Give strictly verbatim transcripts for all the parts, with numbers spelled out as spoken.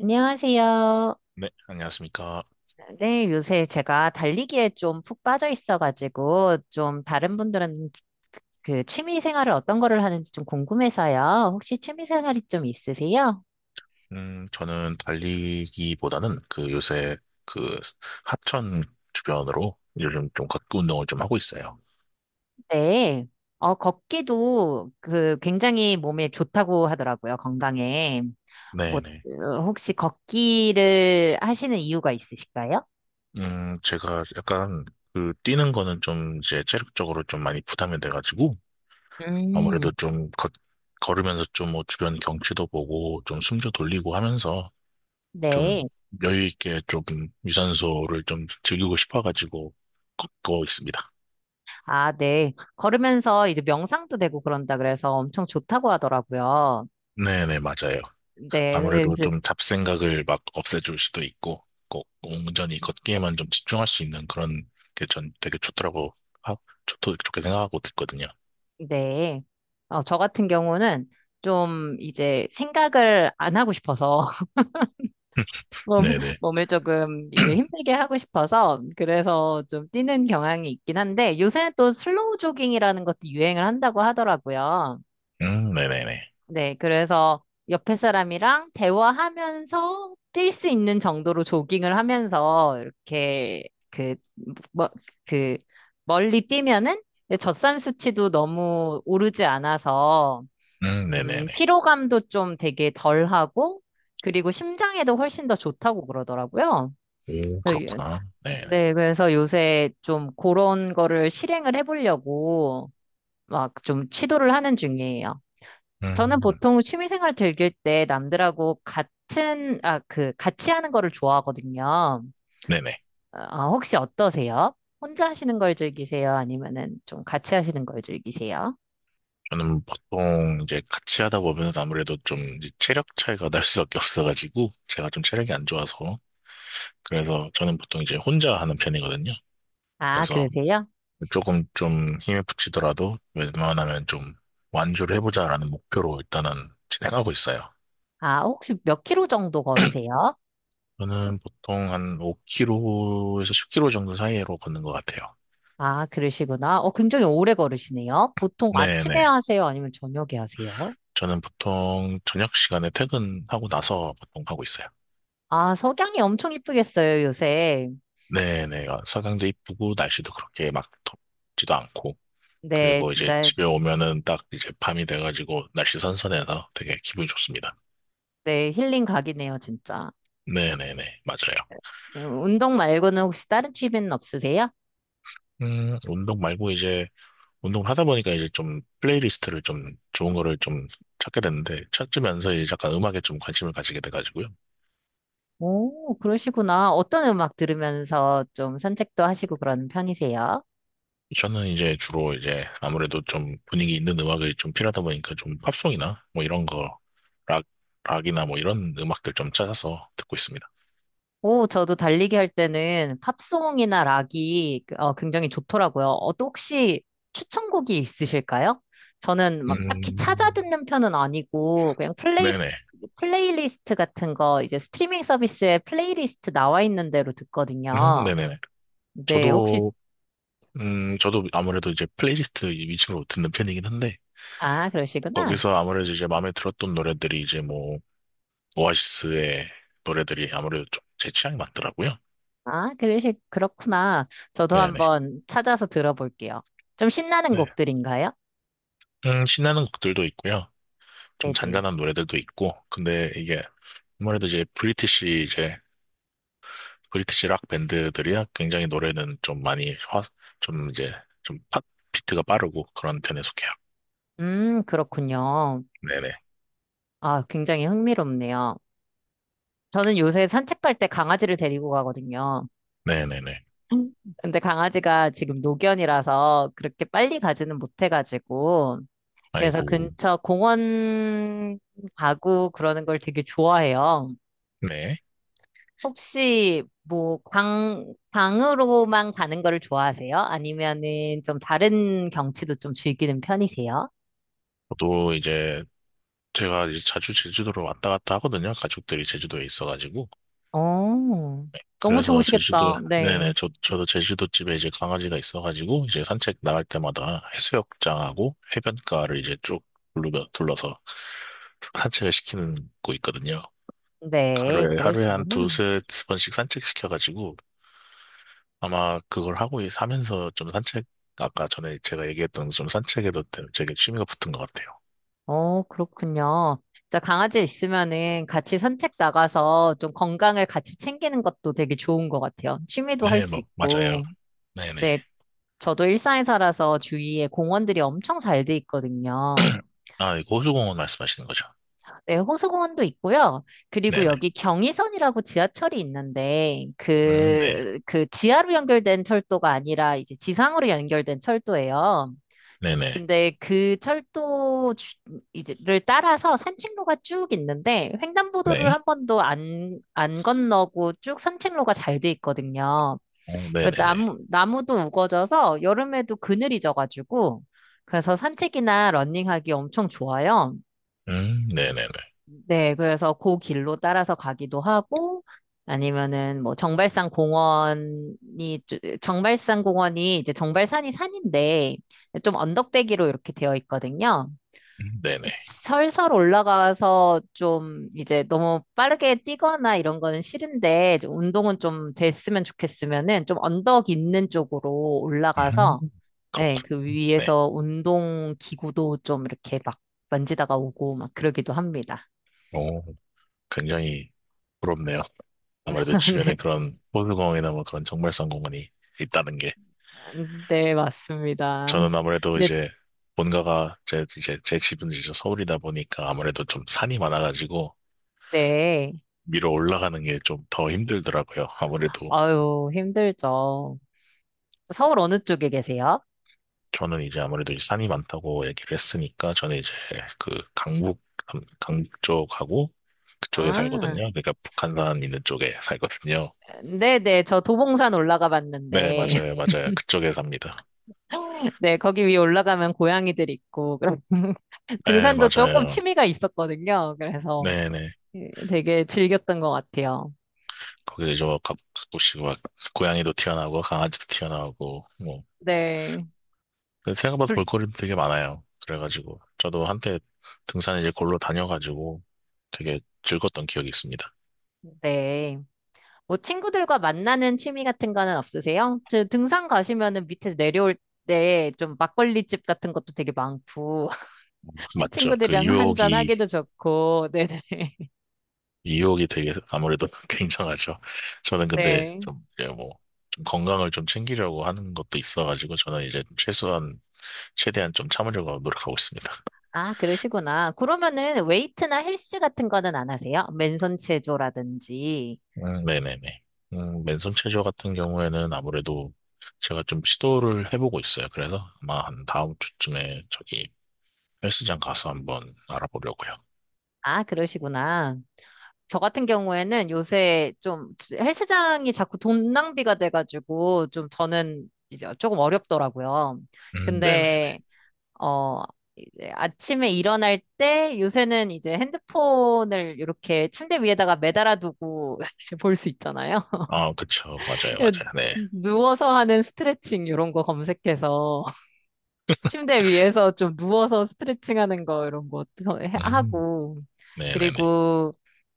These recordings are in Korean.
안녕하세요. 네, 안녕하십니까. 네, 요새 제가 달리기에 좀 푹 빠져 있어가지고, 좀 다른 분들은 그 취미 생활을 어떤 거를 하는지 좀 궁금해서요. 혹시 취미 생활이 좀 있으세요? 음, 저는 달리기보다는 그 요새 그 하천 주변으로 요즘 좀 걷기 운동을 좀 하고 있어요. 네. 어, 걷기도 그 굉장히 몸에 좋다고 하더라고요, 건강에. 뭐, 네네. 어, 혹시 걷기를 하시는 이유가 있으실까요? 음, 제가 약간 그 뛰는 거는 좀 이제 체력적으로 좀 많이 부담이 돼가지고 음, 아무래도 좀 걷, 걸으면서 좀 뭐 주변 경치도 보고 좀 숨도 돌리고 하면서 좀 네. 여유 있게 조금 유산소를 좀 즐기고 싶어가지고 걷고 있습니다. 아, 네. 걸으면서 이제 명상도 되고 그런다 그래서 엄청 좋다고 하더라고요. 네네, 맞아요. 네, 그래- 아무래도 그래- 좀 잡생각을 막 없애줄 수도 있고, 꼭 온전히 걷기에만 좀 집중할 수 있는 그런 게 전 되게 좋더라고, 하, 좋, 좋게 생각하고 듣거든요. 네. 어, 저 같은 경우는 좀 이제 생각을 안 하고 싶어서 몸, 네네. 몸을 조금 이제 힘들게 하고 싶어서 그래서 좀 뛰는 경향이 있긴 한데 요새는 또 슬로우 조깅이라는 것도 유행을 한다고 하더라고요. 음, 네네네. 네, 그래서 옆에 사람이랑 대화하면서 뛸 수 있는 정도로 조깅을 하면서 이렇게 그, 뭐, 그 멀리 뛰면은 젖산 수치도 너무 오르지 않아서 음, 음, 네네네. 피로감도 좀 되게 덜하고 그리고 심장에도 훨씬 더 좋다고 그러더라고요. 오, 그래서 유- 그렇구나. 네네. 네, 그래서 요새 좀 그런 거를 실행을 해보려고 막 좀 시도를 하는 중이에요. 저는 음, 보통 취미생활 즐길 때 남들하고 같은, 아, 그, 같이 하는 거를 좋아하거든요. 네네. 어, 어, 혹시 어떠세요? 혼자 하시는 걸 즐기세요? 아니면은 좀 같이 하시는 걸 즐기세요? 저는 보통 이제 같이 하다 보면 아무래도 좀 이제 체력 차이가 날 수밖에 없어가지고, 제가 좀 체력이 안 좋아서, 그래서 저는 보통 이제 혼자 하는 편이거든요. 아, 그래서 그러세요? 조금 좀 힘이 붙이더라도 웬만하면 좀 완주를 해보자라는 목표로 일단은 진행하고 있어요. 아, 혹시 몇 킬로 정도 걸으세요? 저는 보통 한 오 킬로미터에서 십 킬로미터 정도 사이로 걷는 것 같아요. 아, 그러시구나. 어, 굉장히 오래 걸으시네요. 보통 아침에 네네. 하세요? 아니면 저녁에 하세요? 저는 보통 저녁 시간에 퇴근하고 나서 보통 하고 있어요. 아, 석양이 엄청 이쁘겠어요, 요새. 네네. 서강도 이쁘고 날씨도 그렇게 막 덥지도 않고. 네, 그리고 이제 진짜. 집에 오면은 딱 이제 밤이 돼가지고 날씨 선선해서 되게 기분이 좋습니다. 네, 힐링 각이네요, 진짜. 네네네. 맞아요. 네, 운동 말고는 혹시 다른 취미는 없으세요? 음, 운동 말고 이제 운동을 하다 보니까 이제 좀 플레이리스트를 좀 좋은 거를 좀 찾게 됐는데 찾으면서 이제 약간 음악에 좀 관심을 가지게 돼가지고요. 오, 그러시구나. 어떤 음악 들으면서 좀 산책도 하시고 그런 편이세요? 저는 이제 주로 이제 아무래도 좀 분위기 있는 음악이 좀 필요하다 보니까 좀 팝송이나 뭐 이런 거, 락, 락이나 뭐 이런 음악들 좀 찾아서 듣고 있습니다. 오, 저도 달리기 할 때는 팝송이나 락이 어, 굉장히 좋더라고요. 어, 또 혹시 추천곡이 있으실까요? 저는 막 딱히 찾아 음, 듣는 편은 아니고 그냥 플레이, 네네. 플레이리스트 같은 거 이제 스트리밍 서비스에 플레이리스트 나와 있는 대로 음, 듣거든요. 네네네. 네, 혹시. 저도, 음, 저도 아무래도 이제 플레이리스트 위주로 듣는 편이긴 한데 아, 그러시구나. 거기서 아무래도 이제 마음에 들었던 노래들이 이제 뭐 오아시스의 노래들이 아무래도 좀 제 취향이 맞더라고요. 아, 그러시, 그렇구나. 저도 네네. 한번 찾아서 들어볼게요. 좀 신나는 네. 곡들인가요? 음, 신나는 곡들도 있고요. 좀 네네. 잔잔한 노래들도 있고. 근데 이게 아무래도 이제 브리티시 이제 브리티시 락 밴드들이야 굉장히 노래는 좀 많이 화, 좀 이제 좀 팟, 비트가 빠르고 그런 편에 속해요. 음, 그렇군요. 네네. 아, 굉장히 흥미롭네요. 저는 요새 산책 갈 때 강아지를 데리고 가거든요. 네네네. 근데 강아지가 지금 노견이라서 그렇게 빨리 가지는 못해가지고, 그래서 아이고. 근처 공원 가고 그러는 걸 되게 좋아해요. 네. 혹시 뭐 강, 강으로만 가는 거를 좋아하세요? 아니면은 좀 다른 경치도 좀 즐기는 편이세요? 저도 이제 제가 이제 자주 제주도로 왔다 갔다 하거든요. 가족들이 제주도에 있어가지고. 어, 너무 그래서 제주도, 좋으시겠다. 네. 네네, 저, 저도 제주도 집에 이제 강아지가 있어가지고, 이제 산책 나갈 때마다 해수욕장하고 해변가를 이제 쭉 둘러, 둘러서 산책을 시키는 거 있거든요. 네, 하루에, 하루에 한 그러시구나. 두세 번씩 산책시켜가지고, 아마 그걸 하고 있- 하면서 좀 산책, 아까 전에 제가 얘기했던 좀 산책에도 되게 취미가 붙은 것 같아요. 어, 그렇군요. 자 강아지 있으면은 같이 산책 나가서 좀 건강을 같이 챙기는 것도 되게 좋은 것 같아요. 취미도 할 네, 수 뭐, 맞아요. 있고. 네네. 네, 저도 일산에 살아서 주위에 공원들이 엄청 잘 돼 있거든요. 아, 이거 호수공원 말씀하시는 거죠? 네, 호수공원도 있고요. 그리고 네네. 여기 경의선이라고 지하철이 있는데 음, 네. 그, 그 지하로 연결된 철도가 아니라 이제 지상으로 연결된 철도예요. 네네. 근데 그 철도 주- 이제를 따라서 산책로가 쭉 있는데 횡단보도를 네. 한 번도 안, 안 건너고 쭉 산책로가 잘 돼 있거든요. 어, 그리고 네네네. 나무, 나무도 우거져서 여름에도 그늘이 져가지고 그래서 산책이나 러닝하기 엄청 좋아요. 음, 네네네. 네, 그래서 그 길로 따라서 가기도 하고, 아니면은 뭐 정발산 공원이, 쭈- 정발산 공원이 이제 정발산이 산인데, 좀 언덕배기로 이렇게 되어 있거든요. 음, 네네. 설설 올라가서 좀 이제 너무 빠르게 뛰거나 이런 거는 싫은데, 좀 운동은 좀 됐으면 좋겠으면은 좀 언덕 있는 쪽으로 음, 올라가서, 예, 그렇군. 그 네. 위에서 운동 기구도 좀 이렇게 막 만지다가 오고 막 그러기도 합니다. 오, 굉장히 부럽네요. 아무래도 주변에 네. 그런 호수공원이나 뭐 그런 정발성 공원이 있다는 게. 네, 맞습니다. 저는 아무래도 네, 이제 본가가 제, 이제 제 집은 이제 서울이다 보니까 아무래도 좀 산이 많아가지고 네. 위로 올라가는 게 좀 더 힘들더라고요. 아무래도 아유, 힘들죠. 서울 어느 쪽에 계세요? 저는 이제 아무래도 이제 산이 많다고 얘기를 했으니까 저는 이제 그 강북, 강- 강북 쪽하고 그쪽에 아, 살거든요. 그러니까 북한산 있는 쪽에 살거든요. 네네. 저 도봉산 올라가 네, 봤는데, 맞아요, 맞아요. 그쪽에 삽니다. 네, 거기 위에 올라가면 고양이들 있고, 그래서 네, 등산도 조금 맞아요. 취미가 있었거든요. 그래서 네네. 예, 되게 즐겼던 것 같아요. 거기 이제 뭐 가, 가끔씩 막 고양이도 튀어나오고 강아지도 튀어나오고 뭐 네. 근데 생각보다 둘, 볼거리도 되게 많아요. 그래가지고 저도 한때 등산 이제 골로 다녀가지고 되게 즐거웠던 기억이 있습니다. 네. 뭐 친구들과 만나는 취미 같은 거는 없으세요? 저 등산 가시면은 밑에 내려올 때 좀 막걸리집 같은 것도 되게 많고, 맞죠? 그 친구들이랑 한잔 유혹이 하기도 좋고, 네네. 유혹이 되게 아무래도 굉장하죠. 저는 근데 네. 좀 이제 뭐좀 건강을 좀 챙기려고 하는 것도 있어가지고 저는 이제 최소한 최대한 좀 참으려고 노력하고 있습니다. 아, 그러시구나. 그러면은 웨이트나 헬스 같은 거는 안 하세요? 맨손 체조라든지. 음, 네네네. 음, 맨손 체조 같은 경우에는 아무래도 제가 좀 시도를 해보고 있어요. 그래서 아마 한 다음 주쯤에 저기 헬스장 가서 한번 알아보려고요. 아, 그러시구나. 저 같은 경우에는 요새 좀 헬스장이 자꾸 돈 낭비가 돼가지고 좀 저는 이제 조금 어렵더라고요. 음, 네네네. 근데, 어, 이제 아침에 일어날 때 요새는 이제 핸드폰을 이렇게 침대 위에다가 매달아 두고 볼 수 있잖아요. 아, 그쵸. 맞아요, 맞아요. 네. 누워서 하는 스트레칭 이런 거 검색해서 침대 위에서 좀 누워서 스트레칭 하는 거 이런 거 해- 음, 하고 네네네. 그리고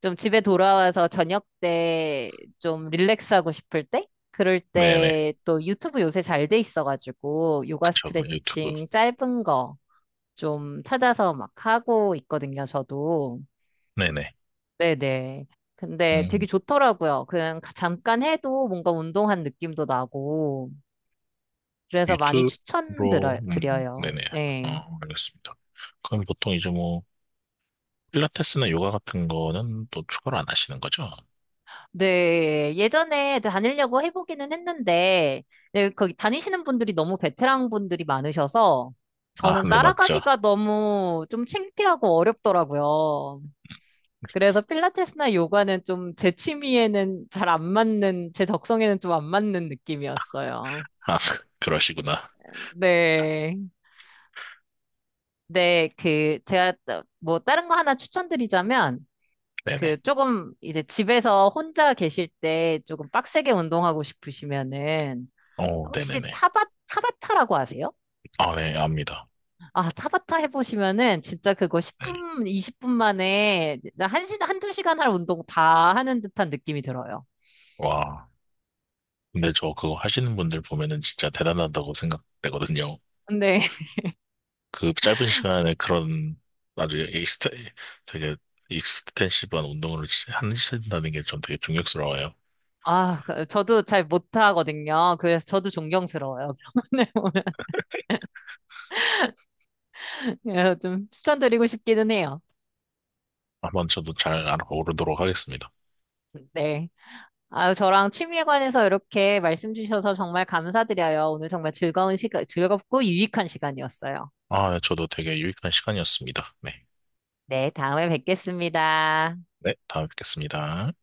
좀 집에 돌아와서 저녁 때 좀 릴렉스하고 싶을 때 그럴 네네. 때 또 유튜브 요새 잘 돼 있어가지고 요가 그쵸. 그 유튜브. 스트레칭 짧은 거 좀 찾아서 막 하고 있거든요, 저도. 네네. 네네. 근데 되게 음, 좋더라고요. 그냥 잠깐 해도 뭔가 운동한 느낌도 나고. 그래서 많이 유튜브로, 추천드려, 음, 요 네네. 네. 어, 알겠습니다. 그럼 보통 이제 뭐, 필라테스나 요가 같은 거는 또 추가로 안 하시는 거죠? 네. 예전에 다니려고 해보기는 했는데, 네, 거기 다니시는 분들이 너무 베테랑 분들이 많으셔서, 아, 저는 네, 맞죠. 따라가기가 너무 좀 창피하고 어렵더라고요. 그래서 필라테스나 요가는 좀 제 취미에는 잘 안 맞는, 제 적성에는 좀 안 맞는 느낌이었어요. 아, 그러시구나. 네. 네, 그, 제가 뭐 다른 거 하나 추천드리자면, 네네. 그 조금 이제 집에서 혼자 계실 때 조금 빡세게 운동하고 싶으시면은 어, 혹시 네네네. 타바 타바타라고 아세요? 아, 네, 압니다. 아, 타바타 해보시면은 진짜 그거 네. 십 분, 이십 분 만에 한 시, 한두 시간 할 운동 다 하는 듯한 느낌이 들어요. 와. 근데 저 그거 하시는 분들 보면은 진짜 대단하다고 생각되거든요. 근데 그 짧은 시간에 그런 아주 익스테, 되게 익스텐시브한 운동을 시- 하신다는 게 전 되게 존경스러워요. 아, 그- 저도 잘 못하거든요. 그래서 저도 존경스러워요. 그런 분들 보면. 그래서 좀 추천드리고 싶기는 해요. 한번 저도 잘 알아보도록 하겠습니다. 네. 아유, 저랑 취미에 관해서 이렇게 말씀 주셔서 정말 감사드려요. 오늘 정말 즐거운 시간, 즐겁고 유익한 시간이었어요. 아, 저도 되게 유익한 시간이었습니다. 네. 네, 다음에 뵙겠습니다. 네, 다음에 뵙겠습니다.